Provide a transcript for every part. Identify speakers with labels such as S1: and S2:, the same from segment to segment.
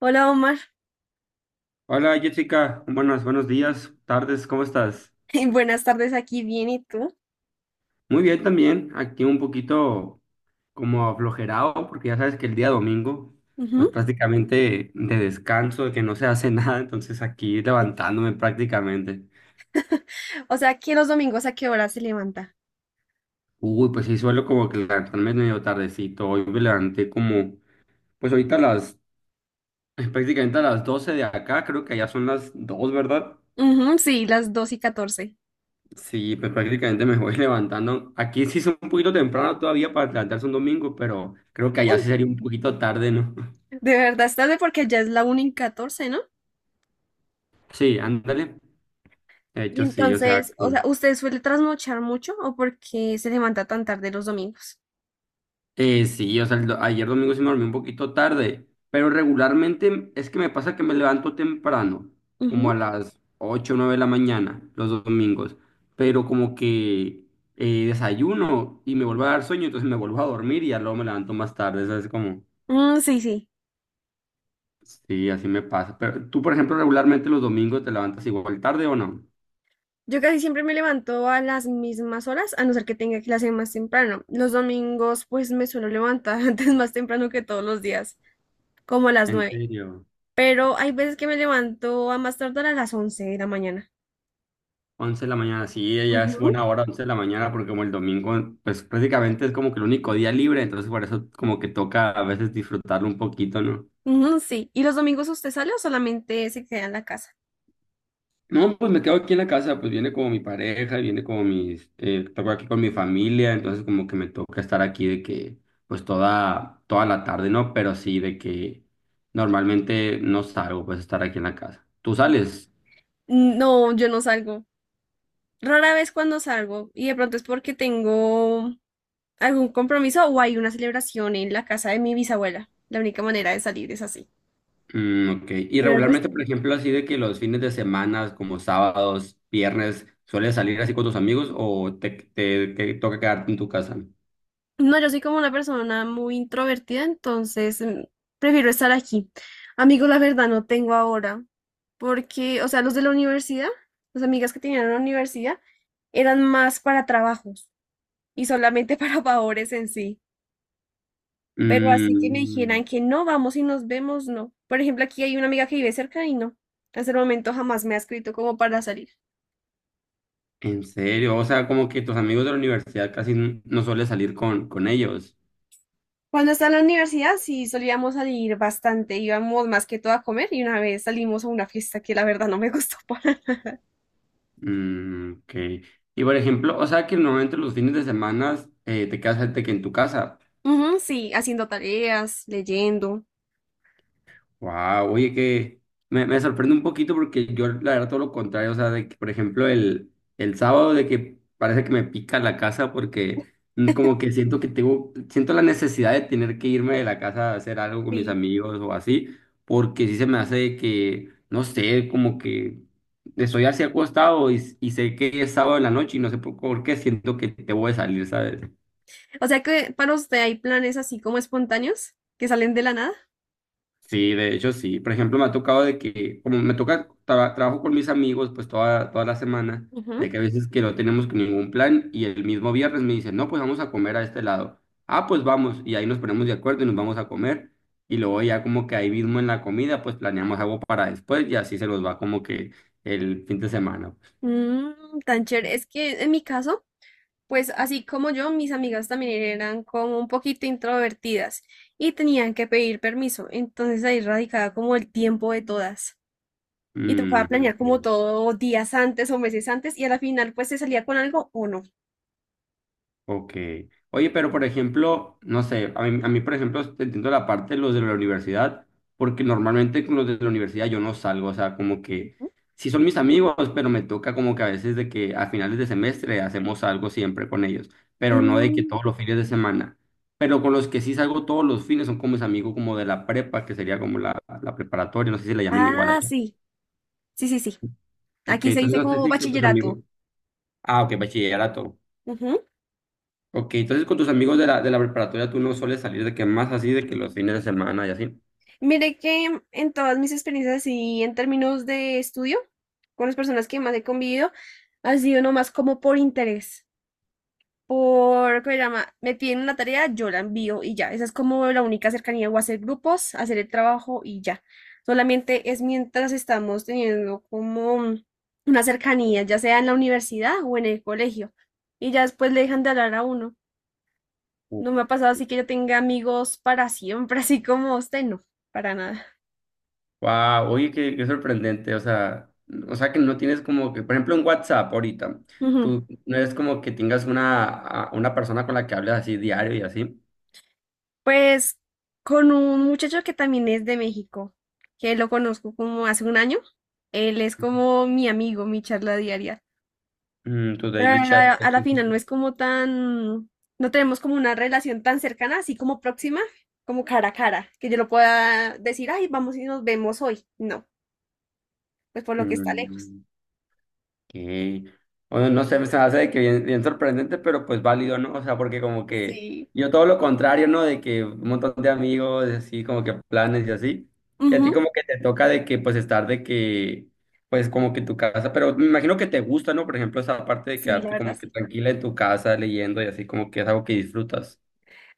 S1: Hola Omar,
S2: Hola Jessica. Buenas, buenos días, tardes, ¿cómo estás?
S1: buenas tardes aquí, bien, ¿y tú?
S2: Muy bien también, aquí un poquito como aflojerado, porque ya sabes que el día domingo, pues
S1: Ujú.
S2: prácticamente de descanso, de que no se hace nada, entonces aquí levantándome prácticamente.
S1: O sea, ¿que los domingos a qué hora se levanta?
S2: Uy, pues sí, suelo como que levantarme medio tardecito, hoy me levanté como, pues ahorita a las, prácticamente a las 12 de acá, creo que ya son las 2, ¿verdad?
S1: Ujú, sí, las 2 y catorce.
S2: Sí, pues prácticamente me voy levantando. Aquí sí es un poquito temprano todavía para levantarse un domingo, pero creo que allá sí sería un poquito tarde, ¿no?
S1: De verdad, es tarde porque ya es la 1:14, ¿no?
S2: Sí, ándale. De
S1: Y
S2: hecho, sí, o sea,
S1: entonces, o
S2: que-
S1: sea, ¿usted suele trasnochar mucho o por qué se levanta tan tarde los domingos?
S2: sí, o sea, el do- ayer domingo sí me dormí un poquito tarde, pero regularmente es que me pasa que me levanto temprano, como
S1: Ujú.
S2: a las 8 o 9 de la mañana, los dos domingos, pero como que desayuno y me vuelvo a dar sueño, entonces me vuelvo a dormir y ya luego me levanto más tarde, ¿sabes? Como...
S1: Mm, sí, sí.
S2: Sí, así me pasa. Pero tú, por ejemplo, regularmente los domingos te levantas igual tarde o no?
S1: Yo casi siempre me levanto a las mismas horas, a no ser que tenga clase más temprano. Los domingos, pues me suelo levantar antes más temprano que todos los días, como a las
S2: En
S1: nueve.
S2: serio.
S1: Pero hay veces que me levanto a más tardar a las 11 de la mañana.
S2: Once de la mañana, sí, ya es
S1: Ujú,
S2: buena hora, 11 de la mañana, porque como el domingo, pues prácticamente es como que el único día libre, entonces por eso como que toca a veces disfrutarlo un poquito, ¿no?
S1: ujú, sí. ¿Y los domingos usted sale o solamente se queda en la casa?
S2: No, pues me quedo aquí en la casa, pues viene como mi pareja, viene como mis, toco aquí con mi familia, entonces como que me toca estar aquí de que, pues toda la tarde, ¿no? Pero sí de que normalmente no salgo, pues estar aquí en la casa. ¿Tú
S1: Sí.
S2: sales?
S1: No, yo no salgo. Rara vez cuando salgo, y de pronto es porque tengo algún compromiso o hay una celebración en la casa de mi bisabuela. La única manera de salir es así.
S2: Mm, ok. Y
S1: Pero el
S2: regularmente,
S1: resto.
S2: por ejemplo, así de que los fines de semana, como sábados, viernes, ¿sueles salir así con tus amigos o te toca quedarte en tu casa?
S1: No, yo soy como una persona muy introvertida, entonces prefiero estar aquí. Amigos, la verdad no tengo ahora, porque, o sea, los de la universidad, las amigas que tenían en la universidad, eran más para trabajos y solamente para favores en sí. Pero así que me dijeran
S2: Mm,
S1: que no vamos y nos vemos, no. Por ejemplo, aquí hay una amiga que vive cerca y no. Hasta el momento jamás me ha escrito como para salir.
S2: en serio, o sea, como que tus amigos de la universidad casi n- no sueles salir con ellos.
S1: Cuando estaba en la universidad sí solíamos salir bastante, íbamos más que todo a comer y una vez salimos a una fiesta que la verdad no me gustó para.
S2: Mm, ok. Y por ejemplo, o sea que normalmente los fines de semana te quedas de que en tu casa.
S1: Ujú, sí, haciendo tareas, leyendo.
S2: Wow, oye, que me sorprende un poquito porque yo, la verdad, todo lo contrario, o sea, de que, por ejemplo, el sábado de que parece que me pica la casa porque como que siento que tengo, siento la necesidad de tener que irme de la casa a hacer algo con mis
S1: Sí.
S2: amigos o así, porque sí se me hace de que, no sé, como que estoy así acostado y sé que es sábado en la noche y no sé por qué siento que te voy a salir, ¿sabes?
S1: O sea que para usted hay planes así como espontáneos que salen de la nada.
S2: Sí, de hecho sí. Por ejemplo, me ha tocado de que, como me toca, tra- trabajo con mis amigos pues toda la semana, de
S1: Ujú.
S2: que a veces que no tenemos ningún plan y el mismo viernes me dicen, no, pues vamos a comer a este lado. Ah, pues vamos. Y ahí nos ponemos de acuerdo y nos vamos a comer. Y luego ya como que ahí mismo en la comida pues planeamos algo para después y así se nos va como que el fin de semana, pues.
S1: Mm, tan chévere. Es que en mi caso, pues así como yo, mis amigas también eran como un poquito introvertidas y tenían que pedir permiso. Entonces ahí radicaba como el tiempo de todas. Y tocaba
S2: Mm,
S1: planear como
S2: ok.
S1: todo días antes o meses antes y a la final pues se salía con algo o no.
S2: Ok. Oye, pero por ejemplo, no sé, a mí, por ejemplo, te entiendo la parte de los de la universidad, porque normalmente con los de la universidad yo no salgo, o sea, como que
S1: Ujú.
S2: sí son mis amigos, pero me toca como que a veces de que a finales de semestre hacemos algo siempre con ellos, pero no de que
S1: Mm,
S2: todos los fines de semana. Pero con los que sí salgo todos los fines son como mis amigos como de la prepa, que sería como la preparatoria, no sé si la llamen igual
S1: ah,
S2: allá.
S1: sí, sí, sí, sí.
S2: Ok,
S1: Aquí se
S2: entonces
S1: dice
S2: no sé
S1: como
S2: si con tus amigos.
S1: bachillerato.
S2: Ah, ok, bachillerato.
S1: Ujú.
S2: Ok, entonces con tus amigos de de la preparatoria tú no sueles salir de que más así, de que los fines de semana y así.
S1: Mire que en todas mis experiencias y en términos de estudio, con las personas que más he convivido, ha sido nomás como por interés. Por, ¿cómo se llama? Me piden una tarea, yo la envío y ya. Esa es como la única cercanía, o hacer grupos, hacer el trabajo y ya. Solamente es mientras estamos teniendo como una cercanía, ya sea en la universidad o en el colegio. Y ya después le dejan de hablar a uno. No me ha pasado así que yo tenga amigos para siempre, así como usted, no, para nada.
S2: Wow, oye, qué sorprendente, o sea que no tienes como que, por ejemplo, en WhatsApp ahorita,
S1: Ujú.
S2: tú no es como que tengas una, a- una persona con la que hables así diario y así.
S1: Pues con un muchacho que también es de México, que lo conozco como hace un año. Él es como mi amigo, mi charla diaria.
S2: Mm, tu
S1: Pero
S2: daily
S1: a
S2: chat.
S1: la, a la final no es como tan, no tenemos como una relación tan cercana, así como próxima, como cara a cara, que yo lo pueda decir, ay, vamos y nos vemos hoy. No, pues por lo que está lejos.
S2: Mm. Que, bueno, no sé, se me hace de que bien, bien sorprendente, pero pues válido, ¿no? O sea, porque como que
S1: Sí.
S2: yo todo lo contrario, ¿no? De que un montón de amigos, así, como que planes y así. Y a ti
S1: Ujú.
S2: como que te toca de que, pues, estar de que, pues, como que en tu casa, pero me imagino que te gusta, ¿no? Por ejemplo, esa parte de
S1: Sí, la
S2: quedarte
S1: verdad
S2: como que
S1: sí.
S2: tranquila en tu casa leyendo y así, como que es algo que disfrutas.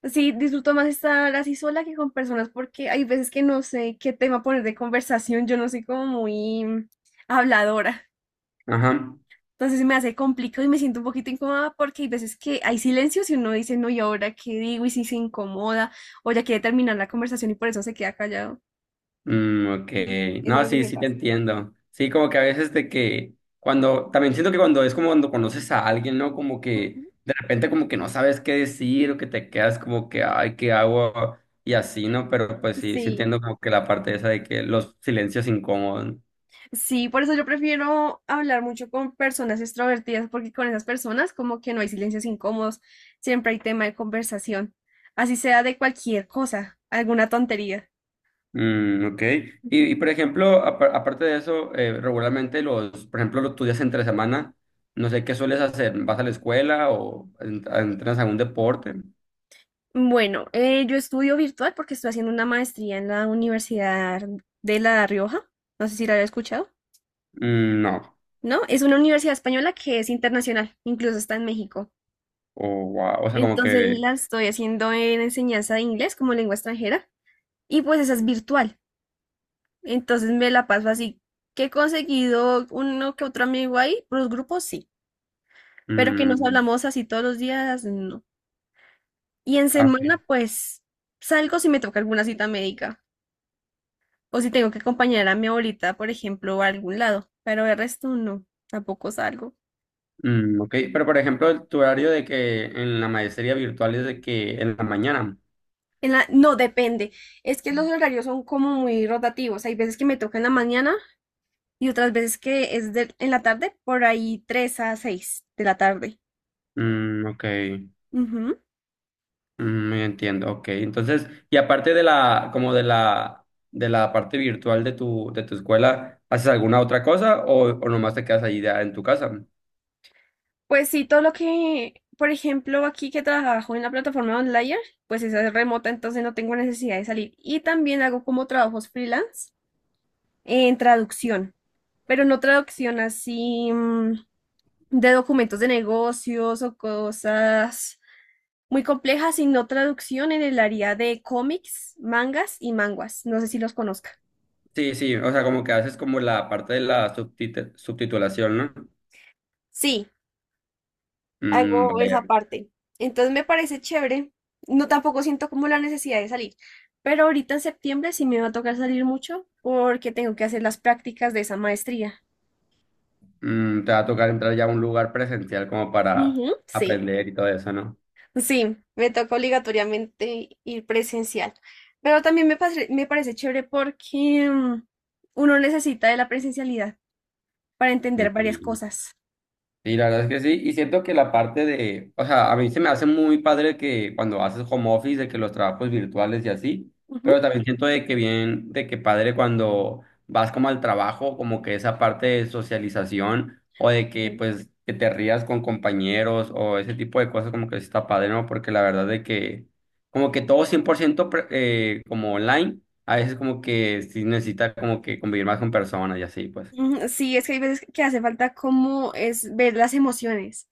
S1: Sí, disfruto más estar así sola que con personas porque hay veces que no sé qué tema poner de conversación, yo no soy como muy habladora.
S2: Ajá.
S1: Entonces se me hace complicado y me siento un poquito incómoda porque hay veces que hay silencios y uno dice, no, ¿y ahora qué digo? Y si se incomoda o ya quiere terminar la conversación y por eso se queda callado.
S2: Mm, ok.
S1: Ujú. Eso es
S2: No,
S1: lo que
S2: sí,
S1: me
S2: sí te
S1: pasa.
S2: entiendo. Sí, como que a veces de que cuando, también siento que cuando es como cuando conoces a alguien, ¿no? Como que
S1: Ujú.
S2: de repente como que no sabes qué decir o que te quedas como que, ay, ¿qué hago? Y así, ¿no? Pero pues sí, sí
S1: Sí,
S2: entiendo como que la parte esa de que los silencios incómodos.
S1: sí, por eso yo prefiero hablar mucho con personas extrovertidas porque con esas personas como que no hay silencios incómodos, siempre hay tema de conversación, así sea de cualquier cosa, alguna tontería.
S2: Mm, ok. Por ejemplo, apa- aparte de eso, regularmente los, por ejemplo, los estudias entre semana, no sé qué sueles hacer, ¿vas a la escuela o en- entrenas algún deporte?
S1: Bueno, yo estudio virtual porque estoy haciendo una maestría en la Universidad de La Rioja. No sé si la había escuchado.
S2: Mm, no.
S1: No, es una universidad española que es internacional, incluso está en México.
S2: O, wow, o sea, como
S1: Entonces
S2: que...
S1: la estoy haciendo en enseñanza de inglés como lengua extranjera y pues esa es virtual. Entonces me la paso así que he conseguido uno que otro amigo ahí, por los grupos sí, pero que nos
S2: Mm,
S1: hablamos así todos los días, no. Y en
S2: ah, ok.
S1: semana pues salgo si me toca alguna cita médica. O si tengo que acompañar a mi abuelita, por ejemplo, a algún lado. Pero el resto no, tampoco salgo.
S2: Mm, ok, pero por ejemplo, tu horario de que en la maestría virtual es de que en la mañana.
S1: No, depende. Es que los horarios son como muy rotativos. Hay veces que me toca en la mañana y otras veces que es en la tarde, por ahí 3 a 6 de la tarde.
S2: Mm, ok,
S1: Ujú.
S2: mm, entiendo, ok. Entonces, y aparte de la, como de de la parte virtual de de tu escuela, ¿haces alguna otra cosa o nomás te quedas ahí ya en tu casa?
S1: Pues sí, todo lo que, por ejemplo, aquí que trabajo en la plataforma online, pues esa es remota, entonces no tengo necesidad de salir. Y también hago como trabajos freelance en traducción, pero no traducción así, de documentos de negocios o cosas muy complejas, sino traducción en el área de cómics, mangas y manguas. No sé si los conozca.
S2: Sí, sí, o sea, como que haces como la parte de la subtit- subtitulación, ¿no?
S1: Sí,
S2: Mm,
S1: hago
S2: vaya.
S1: esa parte. Entonces me parece chévere. No tampoco siento como la necesidad de salir. Pero ahorita en septiembre sí me va a tocar salir mucho porque tengo que hacer las prácticas de esa maestría.
S2: Mm, te va a tocar entrar ya a un lugar presencial como para
S1: Ujú. Sí.
S2: aprender y todo eso, ¿no?
S1: Sí, me toca obligatoriamente ir presencial. Pero también me parece chévere porque uno necesita de la presencialidad para entender varias
S2: Sí,
S1: cosas.
S2: sí, la verdad es que sí, y siento que la parte de, o sea, a mí se me hace muy padre que cuando haces home office, de que los trabajos virtuales y así, pero
S1: Ujú.
S2: también siento de que bien, de que padre cuando vas como al trabajo, como que esa parte de socialización o de que
S1: Ujú.
S2: pues que te rías con compañeros o ese tipo de cosas como que sí está padre, ¿no? Porque la verdad de que como que todo 100% pre- como online, a veces como que sí necesita como que convivir más con personas y así, pues.
S1: Sí, es que hay veces que hace falta como es ver las emociones,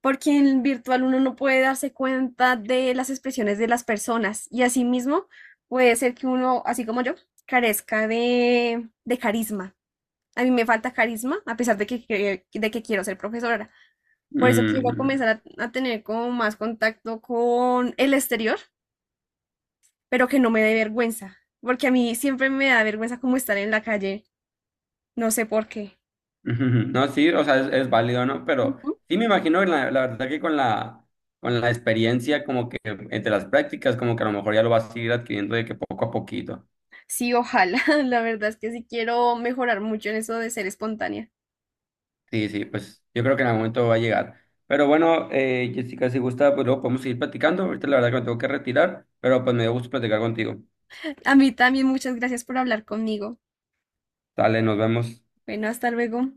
S1: porque en virtual uno no puede darse cuenta de las expresiones de las personas y asimismo puede ser que uno, así como yo, carezca de carisma. A mí me falta carisma, a pesar de que quiero ser profesora. Por eso quiero
S2: Mm.
S1: comenzar a tener como más contacto con el exterior, pero que no me dé vergüenza, porque a mí siempre me da vergüenza como estar en la calle, no sé por qué.
S2: Ujú, ujú. No, sí, o sea, es válido, ¿no? Pero
S1: Ujú.
S2: sí me imagino, la verdad que con con la experiencia, como que entre las prácticas, como que a lo mejor ya lo vas a ir adquiriendo de que poco a poquito.
S1: Sí, ojalá, la verdad es que sí quiero mejorar mucho en eso de ser espontánea.
S2: Sí, sí, pues yo creo que en algún momento va a llegar. Pero bueno, Jessica, si gusta, pues luego podemos seguir platicando. Ahorita la verdad que me tengo que retirar, pero pues me dio gusto platicar contigo.
S1: A mí también muchas gracias por hablar conmigo.
S2: Dale, nos vemos.
S1: Bueno, hasta luego.